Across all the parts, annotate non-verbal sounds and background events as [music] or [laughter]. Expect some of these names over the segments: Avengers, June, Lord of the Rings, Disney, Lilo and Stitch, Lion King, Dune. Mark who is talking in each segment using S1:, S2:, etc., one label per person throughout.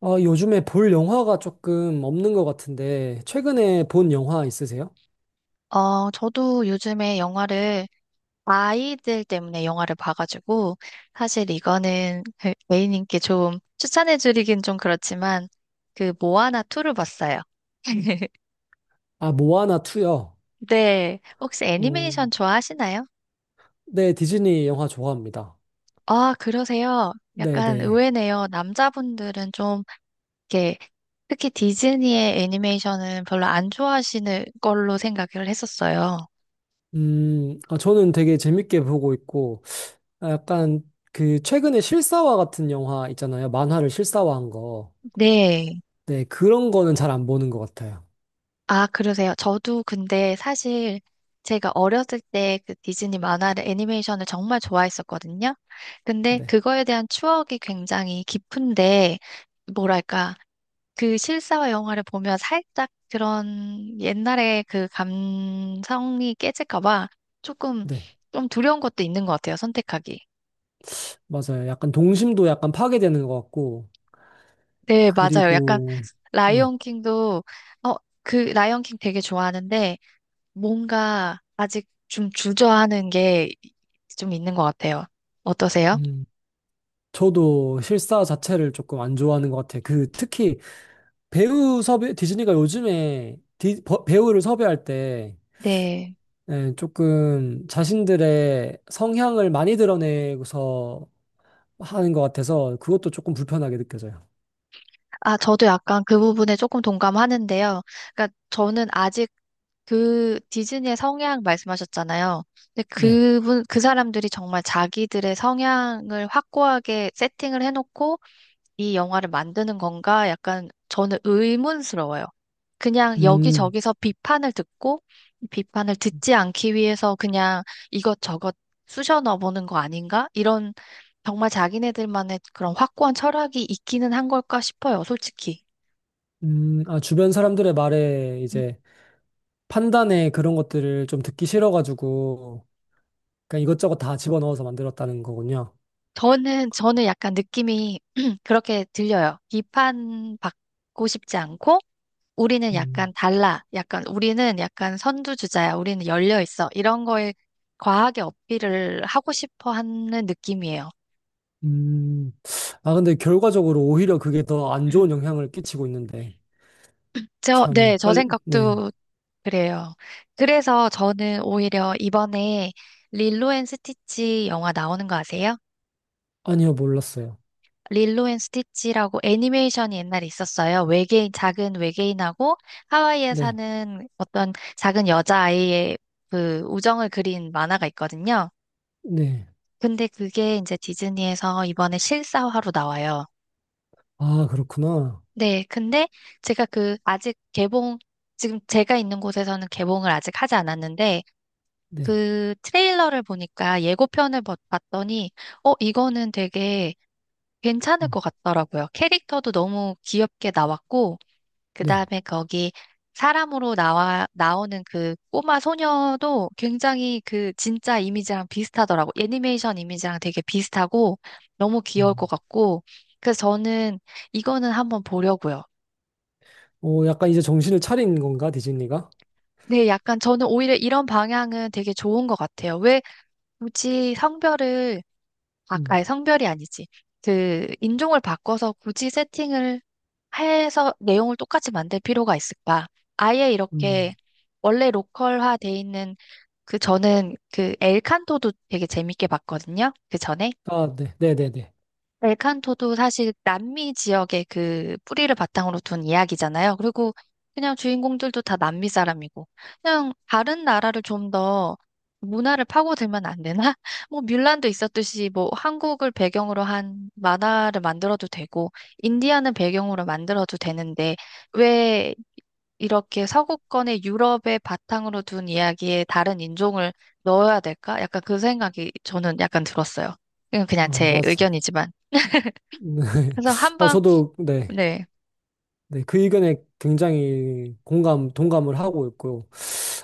S1: 아, 요즘에 볼 영화가 조금 없는 것 같은데, 최근에 본 영화 있으세요?
S2: 저도 요즘에 영화를 아이들 때문에 영화를 봐가지고 사실 이거는 그 A님께 좀 추천해드리긴 좀 그렇지만 그 모아나 2를 봤어요. [laughs]
S1: 아, 모아나 2요.
S2: 네, 혹시
S1: 어,
S2: 애니메이션 좋아하시나요?
S1: 네, 디즈니 영화 좋아합니다.
S2: 아, 그러세요? 약간
S1: 네네.
S2: 의외네요. 남자분들은 좀 이렇게 특히 디즈니의 애니메이션은 별로 안 좋아하시는 걸로 생각을 했었어요.
S1: 아, 저는 되게 재밌게 보고 있고, 아, 약간 그 최근에 실사화 같은 영화 있잖아요. 만화를 실사화한 거.
S2: 네.
S1: 네, 그런 거는 잘 안 보는 것 같아요.
S2: 아, 그러세요? 저도 근데 사실 제가 어렸을 때 그 디즈니 만화를 애니메이션을 정말 좋아했었거든요. 근데
S1: 네,
S2: 그거에 대한 추억이 굉장히 깊은데, 뭐랄까, 그 실사화 영화를 보면 살짝 그런 옛날의 그 감성이 깨질까 봐 조금
S1: 네,
S2: 좀 두려운 것도 있는 것 같아요, 선택하기.
S1: 맞아요. 약간 동심도 약간 파괴되는 것 같고,
S2: 네, 맞아요. 약간
S1: 그리고, 음,
S2: 라이온 킹도 어, 그 라이온 킹 되게 좋아하는데 뭔가 아직 좀 주저하는 게 좀 있는 것 같아요. 어떠세요?
S1: 음. 저도 실사 자체를 조금 안 좋아하는 것 같아요. 그 특히 배우 섭외 디즈니가 요즘에 배우를 섭외할 때
S2: 네.
S1: 예, 조금 자신들의 성향을 많이 드러내고서 하는 것 같아서 그것도 조금 불편하게 느껴져요.
S2: 아, 저도 약간 그 부분에 조금 동감하는데요. 그러니까 저는 아직 그 디즈니의 성향 말씀하셨잖아요. 근데
S1: 네.
S2: 그분, 그 사람들이 정말 자기들의 성향을 확고하게 세팅을 해놓고 이 영화를 만드는 건가? 약간 저는 의문스러워요. 그냥
S1: 음,
S2: 여기저기서 비판을 듣고 이 비판을 듣지 않기 위해서 그냥 이것저것 쑤셔 넣어보는 거 아닌가? 이런 정말 자기네들만의 그런 확고한 철학이 있기는 한 걸까 싶어요, 솔직히.
S1: 아, 주변 사람들의 말에
S2: 음.
S1: 이제 판단에 그런 것들을 좀 듣기 싫어가지고 그냥 이것저것 다 집어넣어서 만들었다는 거군요.
S2: 저는 약간 느낌이 [clears throat] 그렇게 들려요. 비판받고 싶지 않고 우리는 약간
S1: 음.
S2: 달라. 약간 우리는 약간 선두주자야. 우리는 열려 있어. 이런 거에 과하게 어필을 하고 싶어 하는 느낌이에요.
S1: 음, 아, 근데 결과적으로 오히려 그게 더 안 좋은
S2: [laughs]
S1: 영향을 끼치고 있는데,
S2: 네,
S1: 참,
S2: 저
S1: 빨리, 네.
S2: 생각도 그래요. 그래서 저는 오히려 이번에 릴로 앤 스티치 영화 나오는 거 아세요?
S1: 아니요, 몰랐어요.
S2: 릴로 앤 스티치라고 애니메이션이 옛날에 있었어요. 외계인, 작은 외계인하고 하와이에
S1: 네,
S2: 사는 어떤 작은 여자아이의 그 우정을 그린 만화가 있거든요.
S1: 네.
S2: 근데 그게 이제 디즈니에서 이번에 실사화로 나와요.
S1: 아, 그렇구나.
S2: 네, 근데 제가 그 아직 개봉, 지금 제가 있는 곳에서는 개봉을 아직 하지 않았는데
S1: 네,
S2: 그 트레일러를 보니까 예고편을 봤더니 이거는 되게 괜찮을
S1: 음,
S2: 것 같더라고요. 캐릭터도 너무 귀엽게 나왔고 그
S1: 네.
S2: 다음에 거기 사람으로 나오는 그 꼬마 소녀도 굉장히 그 진짜 이미지랑 비슷하더라고. 애니메이션 이미지랑 되게 비슷하고 너무 귀여울 것
S1: 음.
S2: 같고. 그래서 저는 이거는 한번 보려고요.
S1: 오, 약간 이제 정신을 차린 건가, 디즈니가?
S2: 네, 약간 저는 오히려 이런 방향은 되게 좋은 것 같아요. 왜 굳이 성별을, 아,
S1: 음,
S2: 아니, 성별이 아니지. 그 인종을 바꿔서 굳이 세팅을 해서 내용을 똑같이 만들 필요가 있을까? 아예 이렇게
S1: 음.
S2: 원래 로컬화 돼 있는 그 저는 그 엘칸토도 되게 재밌게 봤거든요. 그 전에.
S1: 아, 네, 네네 네.
S2: 엘칸토도 사실 남미 지역의 그 뿌리를 바탕으로 둔 이야기잖아요. 그리고 그냥 주인공들도 다 남미 사람이고. 그냥 다른 나라를 좀 더 문화를 파고들면 안 되나? [laughs] 뭐 뮬란도 있었듯이 뭐 한국을 배경으로 한 만화를 만들어도 되고 인디아는 배경으로 만들어도 되는데 왜 이렇게 서구권의 유럽의 바탕으로 둔 이야기에 다른 인종을 넣어야 될까? 약간 그 생각이 저는 약간 들었어요. 이건 그냥
S1: 아,
S2: 제
S1: 맞아요.
S2: 의견이지만.
S1: 네. [laughs]
S2: 그래서
S1: 어,
S2: 한번,
S1: 저도, 네.
S2: 네.
S1: 네, 그 의견에 굉장히 공감, 동감을 하고 있고,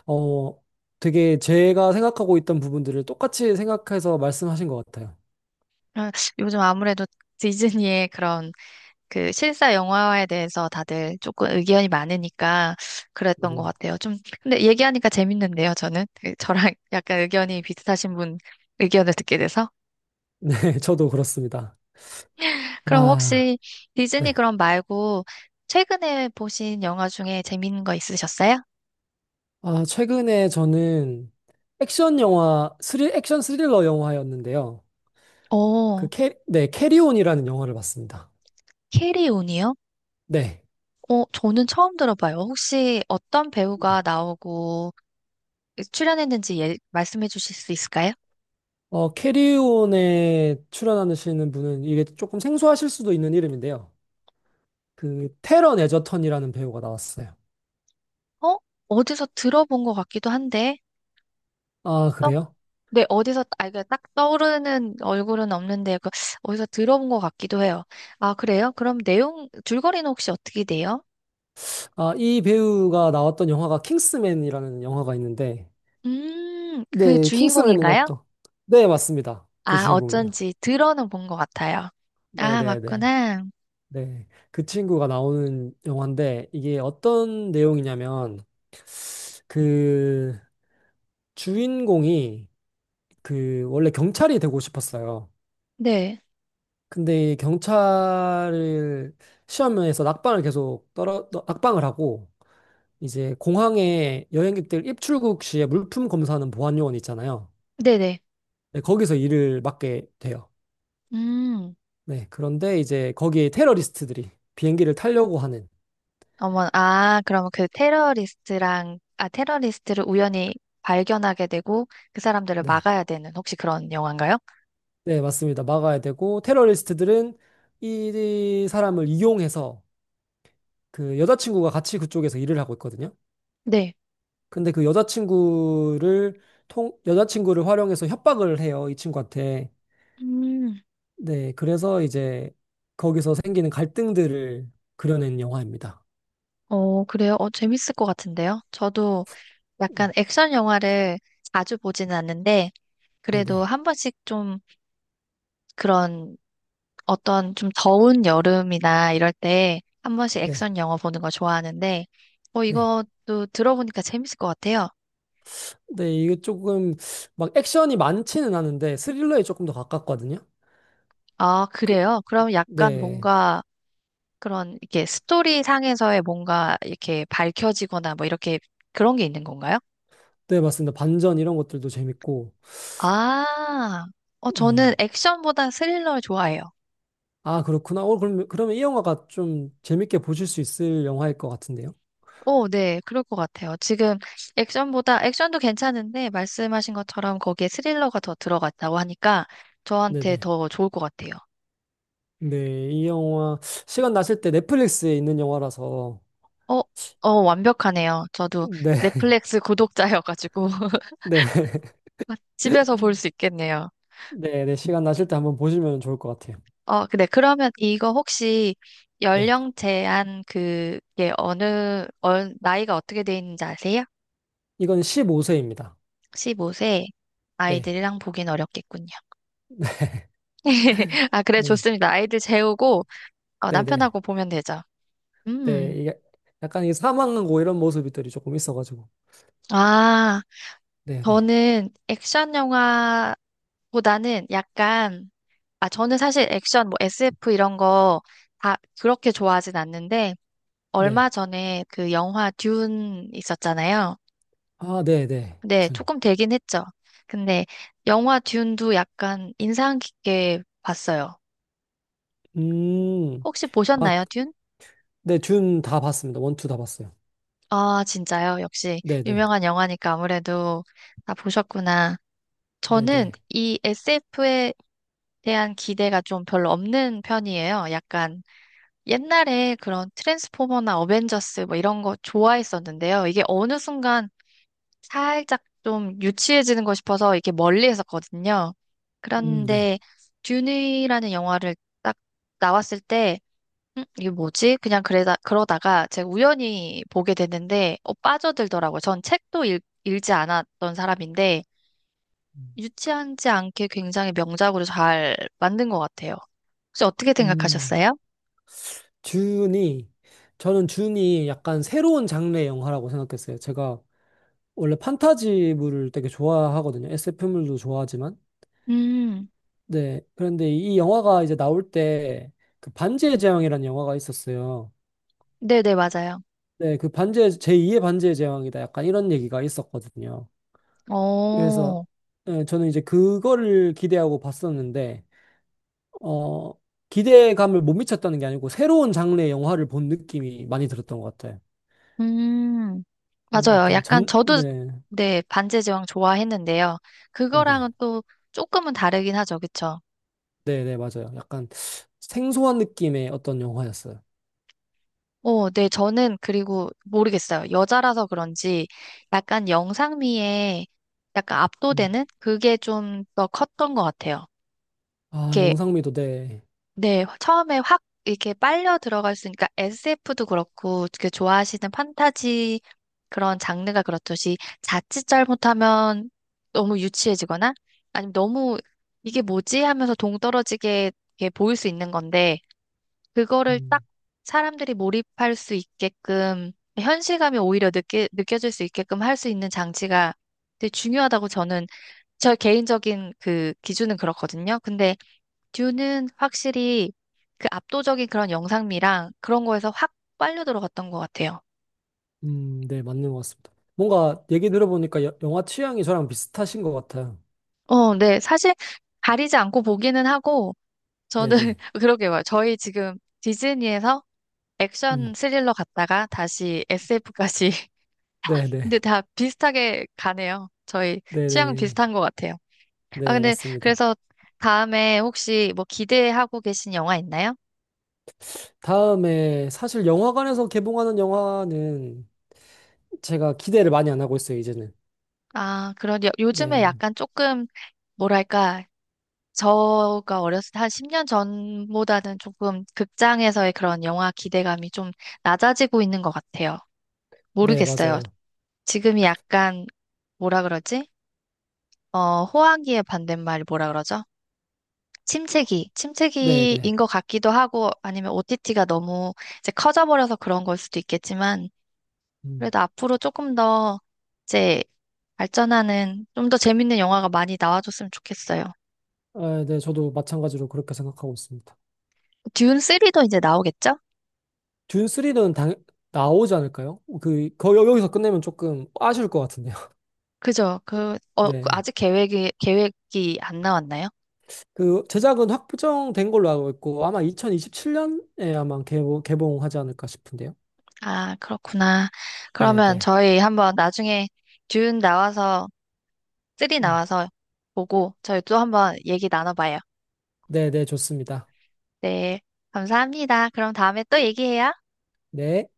S1: 어, 되게 제가 생각하고 있던 부분들을 똑같이 생각해서 말씀하신 것 같아요.
S2: 아, 요즘 아무래도 디즈니의 그런 그 실사 영화화에 대해서 다들 조금 의견이 많으니까 그랬던 것
S1: 음,
S2: 같아요. 좀, 근데 얘기하니까 재밌는데요, 저는. 그 저랑 [laughs] 약간 의견이 비슷하신 분 의견을 듣게 돼서.
S1: 네, [laughs] 저도 그렇습니다.
S2: 그럼
S1: 아,
S2: 혹시 디즈니
S1: 네.
S2: 그럼 말고 최근에 보신 영화 중에 재밌는 거 있으셨어요?
S1: 아, 최근에 저는 액션 영화, 액션 스릴러 영화였는데요. 그
S2: 어,
S1: 네, 캐리온이라는 영화를 봤습니다.
S2: 캐리온이요?
S1: 네.
S2: 어, 저는 처음 들어봐요. 혹시 어떤
S1: 네.
S2: 배우가 나오고 출연했는지 말씀해 주실 수 있을까요?
S1: 캐리온에 출연하시는 분은 이게 조금 생소하실 수도 있는 이름인데요. 그 테런 에저턴이라는 배우가 나왔어요.
S2: 어? 어디서 들어본 것 같기도 한데,
S1: 아,
S2: 떡,
S1: 그래요?
S2: 네, 어디서, 아, 이게 딱 떠오르는 얼굴은 없는데, 그, 어디서 들어본 것 같기도 해요. 아, 그래요? 그럼 내용, 줄거리는 혹시 어떻게 돼요?
S1: 아, 이 배우가 나왔던 영화가 킹스맨이라는 영화가 있는데,
S2: 그
S1: 네, 킹스맨이
S2: 주인공인가요?
S1: 나왔던. 네, 맞습니다. 그
S2: 아,
S1: 주인공이에요.
S2: 어쩐지 들어는 본 것 같아요. 아,
S1: 네네네.
S2: 맞구나.
S1: 네. 그 친구가 나오는 영화인데 이게 어떤 내용이냐면 그 주인공이 그 원래 경찰이 되고 싶었어요.
S2: 네,
S1: 근데 이 경찰을 시험에서 낙방을 계속 떨어 낙방을 하고 이제 공항에 여행객들 입출국 시에 물품 검사하는 보안 요원 있잖아요.
S2: 네네.
S1: 네, 거기서 일을 맡게 돼요.
S2: 음,
S1: 네. 그런데 이제 거기에 테러리스트들이 비행기를 타려고 하는
S2: 어머, 아, 그러면 그 테러리스트랑, 아, 테러리스트를 우연히 발견하게 되고 그 사람들을
S1: 네.
S2: 막아야 되는 혹시 그런 영화인가요?
S1: 네, 맞습니다. 막아야 되고, 테러리스트들은 이 사람을 이용해서 그 여자친구가 같이 그쪽에서 일을 하고 있거든요.
S2: 네.
S1: 근데 그 여자친구를 여자친구를 활용해서 협박을 해요. 이 친구한테.
S2: 음,
S1: 네, 그래서 이제 거기서 생기는 갈등들을 그려낸 영화입니다.
S2: 어, 그래요? 어, 재밌을 것 같은데요? 저도 약간
S1: 음,
S2: 액션 영화를 자주 보지는 않는데, 그래도
S1: 네네.
S2: 한 번씩 좀 그런 어떤 좀 더운 여름이나 이럴 때 한 번씩
S1: 네.
S2: 액션 영화 보는 거 좋아하는데, 어,
S1: 네.
S2: 이것도 들어보니까 재밌을 것 같아요.
S1: 네, 이게 조금 막 액션이 많지는 않은데 스릴러에 조금 더 가깝거든요.
S2: 아,
S1: 그,
S2: 그래요? 그럼 약간
S1: 네.
S2: 뭔가 그런 이렇게 스토리 상에서의 뭔가 이렇게 밝혀지거나 뭐 이렇게 그런 게 있는 건가요?
S1: 네, 맞습니다. 반전 이런 것들도 재밌고.
S2: 아, 어, 저는
S1: 네.
S2: 액션보다 스릴러를 좋아해요.
S1: 아, 그렇구나. 그러면 이 영화가 좀 재밌게 보실 수 있을 영화일 것 같은데요.
S2: 오, 네, 그럴 것 같아요. 지금 액션도 괜찮은데 말씀하신 것처럼 거기에 스릴러가 더 들어갔다고 하니까 저한테
S1: 네네.
S2: 더 좋을 것 같아요.
S1: 네, 이 영화, 시간 나실 때 넷플릭스에 있는 영화라서,
S2: 어, 어, 완벽하네요. 저도
S1: 네, [laughs]
S2: 넷플릭스 구독자여가지고
S1: 네, [laughs]
S2: [laughs] 집에서 볼 수 있겠네요.
S1: 네, 네, 시간 나실 때 한번 보시면 좋을 것 같아요.
S2: 어, 근데 그러면 이거 혹시
S1: 네.
S2: 연령 제한 그게 어느, 어, 나이가 어떻게 돼 있는지 아세요?
S1: 이건 15세입니다.
S2: 15세
S1: 네,
S2: 아이들이랑 보긴 어렵겠군요. [laughs] 아, 그래,
S1: 네,
S2: 좋습니다. 아이들 재우고 어,
S1: 네, 네.
S2: 남편하고 보면 되죠.
S1: 네,
S2: 음.
S1: 이게 약간 이 사망하고 이런 모습들이 조금 있어가지고.
S2: 아,
S1: 네, 네,
S2: 저는 액션 영화보다는 약간 아, 저는 사실 액션, 뭐 SF 이런 거 다 그렇게 좋아하진 않는데,
S1: 네.
S2: 얼마 전에 그 영화 듄 있었잖아요.
S1: 아, 네, 네.
S2: 근데
S1: 준.
S2: 조금 되긴 했죠. 근데 영화 듄도 약간 인상 깊게 봤어요.
S1: 음,
S2: 혹시
S1: 아,
S2: 보셨나요, 듄?
S1: 네, 준 다 봤습니다. 원, 투 다 봤어요.
S2: 아, 진짜요? 역시
S1: 네, 네,
S2: 유명한 영화니까 아무래도 다 보셨구나.
S1: 네,
S2: 저는
S1: 네.
S2: 이 SF에 대한 기대가 좀 별로 없는 편이에요. 약간 옛날에 그런 트랜스포머나 어벤져스 뭐 이런 거 좋아했었는데요. 이게 어느 순간 살짝 좀 유치해지는 거 싶어서 이렇게 멀리 했었거든요.
S1: 네.
S2: 그런데 듄이라는 영화를 딱 나왔을 때 이게 뭐지? 그냥 그러다가 제가 우연히 보게 됐는데 어, 빠져들더라고요. 전 책도 읽지 않았던 사람인데 유치하지 않게 굉장히 명작으로 잘 만든 것 같아요. 혹시 어떻게
S1: 음,
S2: 생각하셨어요?
S1: 준이, 저는 준이 약간 새로운 장르의 영화라고 생각했어요. 제가 원래 판타지물을 되게 좋아하거든요. SF물도 좋아하지만.
S2: 음,
S1: 네. 그런데 이 영화가 이제 나올 때 그 반지의 제왕이라는 영화가 있었어요.
S2: 네네, 맞아요.
S1: 네. 제2의 반지의 제왕이다. 약간 이런 얘기가 있었거든요. 그래서
S2: 어,
S1: 예, 저는 이제 그거를 기대하고 봤었는데, 어, 기대감을 못 미쳤다는 게 아니고 새로운 장르의 영화를 본 느낌이 많이 들었던 것 같아요.
S2: 음, 맞아요.
S1: 약간
S2: 약간 저도,
S1: 네,
S2: 네, 반지의 제왕 좋아했는데요.
S1: 네네.
S2: 그거랑은 또 조금은 다르긴 하죠. 그쵸?
S1: 네네, 맞아요. 약간 생소한 느낌의 어떤 영화였어요.
S2: 어, 네, 저는 그리고 모르겠어요. 여자라서 그런지 약간 영상미에 약간
S1: 음.
S2: 압도되는 그게 좀 더 컸던 것 같아요.
S1: 아, 영상미도 네.
S2: 네, 처음에 확 이렇게 빨려 들어갈 있으니까 SF도 그렇고, 그 좋아하시는 판타지 그런 장르가 그렇듯이 자칫 잘못하면 너무 유치해지거나 아니면 너무 이게 뭐지 하면서 동떨어지게 이렇게 보일 수 있는 건데, 그거를 딱
S1: 음,
S2: 사람들이 몰입할 수 있게끔, 현실감이 오히려 느껴질 수 있게끔 할 수 있는 장치가 되게 중요하다고 저는, 저 개인적인 그 기준은 그렇거든요. 근데 듀는 확실히 그 압도적인 그런 영상미랑 그런 거에서 확 빨려 들어갔던 것 같아요.
S1: 네, 맞는 것 같습니다. 뭔가 얘기 들어보니까 영화 취향이 저랑 비슷하신 것 같아요.
S2: 어, 네. 사실 가리지 않고 보기는 하고, 저는
S1: 네네.
S2: [laughs] 그러게 요 저희 지금 디즈니에서
S1: 음,
S2: 액션 스릴러 갔다가 다시 SF까지. [laughs]
S1: 네네.
S2: 근데 다 비슷하게 가네요. 저희 취향
S1: 네네.
S2: 비슷한 것 같아요. 아,
S1: 네,
S2: 근데
S1: 맞습니다.
S2: 그래서 다음에 혹시 뭐 기대하고 계신 영화 있나요?
S1: 다음에 사실 영화관에서 개봉하는 영화는 제가 기대를 많이 안 하고 있어요, 이제는.
S2: 아, 그런 요즘에
S1: 네.
S2: 약간 조금 뭐랄까 저가 어렸을 때 한 10년 전보다는 조금 극장에서의 그런 영화 기대감이 좀 낮아지고 있는 것 같아요.
S1: 네,
S2: 모르겠어요.
S1: 맞아요.
S2: 지금이 약간 뭐라 그러지? 어, 호황기의 반대말이 뭐라 그러죠? 침체기,
S1: 네네.
S2: 침체기인 것 같기도 하고 아니면 OTT가 너무 이제 커져버려서 그런 걸 수도 있겠지만
S1: 음.
S2: 그래도 앞으로 조금 더 이제 발전하는 좀 더 재밌는 영화가 많이 나와줬으면 좋겠어요.
S1: 아, 네, 저도 마찬가지로 그렇게 생각하고 있습니다.
S2: 듄 3도 이제 나오겠죠?
S1: 듄 3는 당 나오지 않을까요? 여기서 끝내면 조금 아쉬울 것 같은데요. [laughs]
S2: 그죠? 그, 그
S1: 네.
S2: 아직 계획이 안 나왔나요?
S1: 그 제작은 확정된 걸로 알고 있고 아마 2027년에 아마 개봉하지 않을까 싶은데요.
S2: 아, 그렇구나.
S1: 네,
S2: 그러면
S1: 네.
S2: 저희 한번 나중에 듄 나와서, 쓰리
S1: 음.
S2: 나와서 보고 저희 또 한번 얘기 나눠봐요.
S1: 네, 네, 좋습니다.
S2: 네, 감사합니다. 그럼 다음에 또 얘기해요.
S1: 네.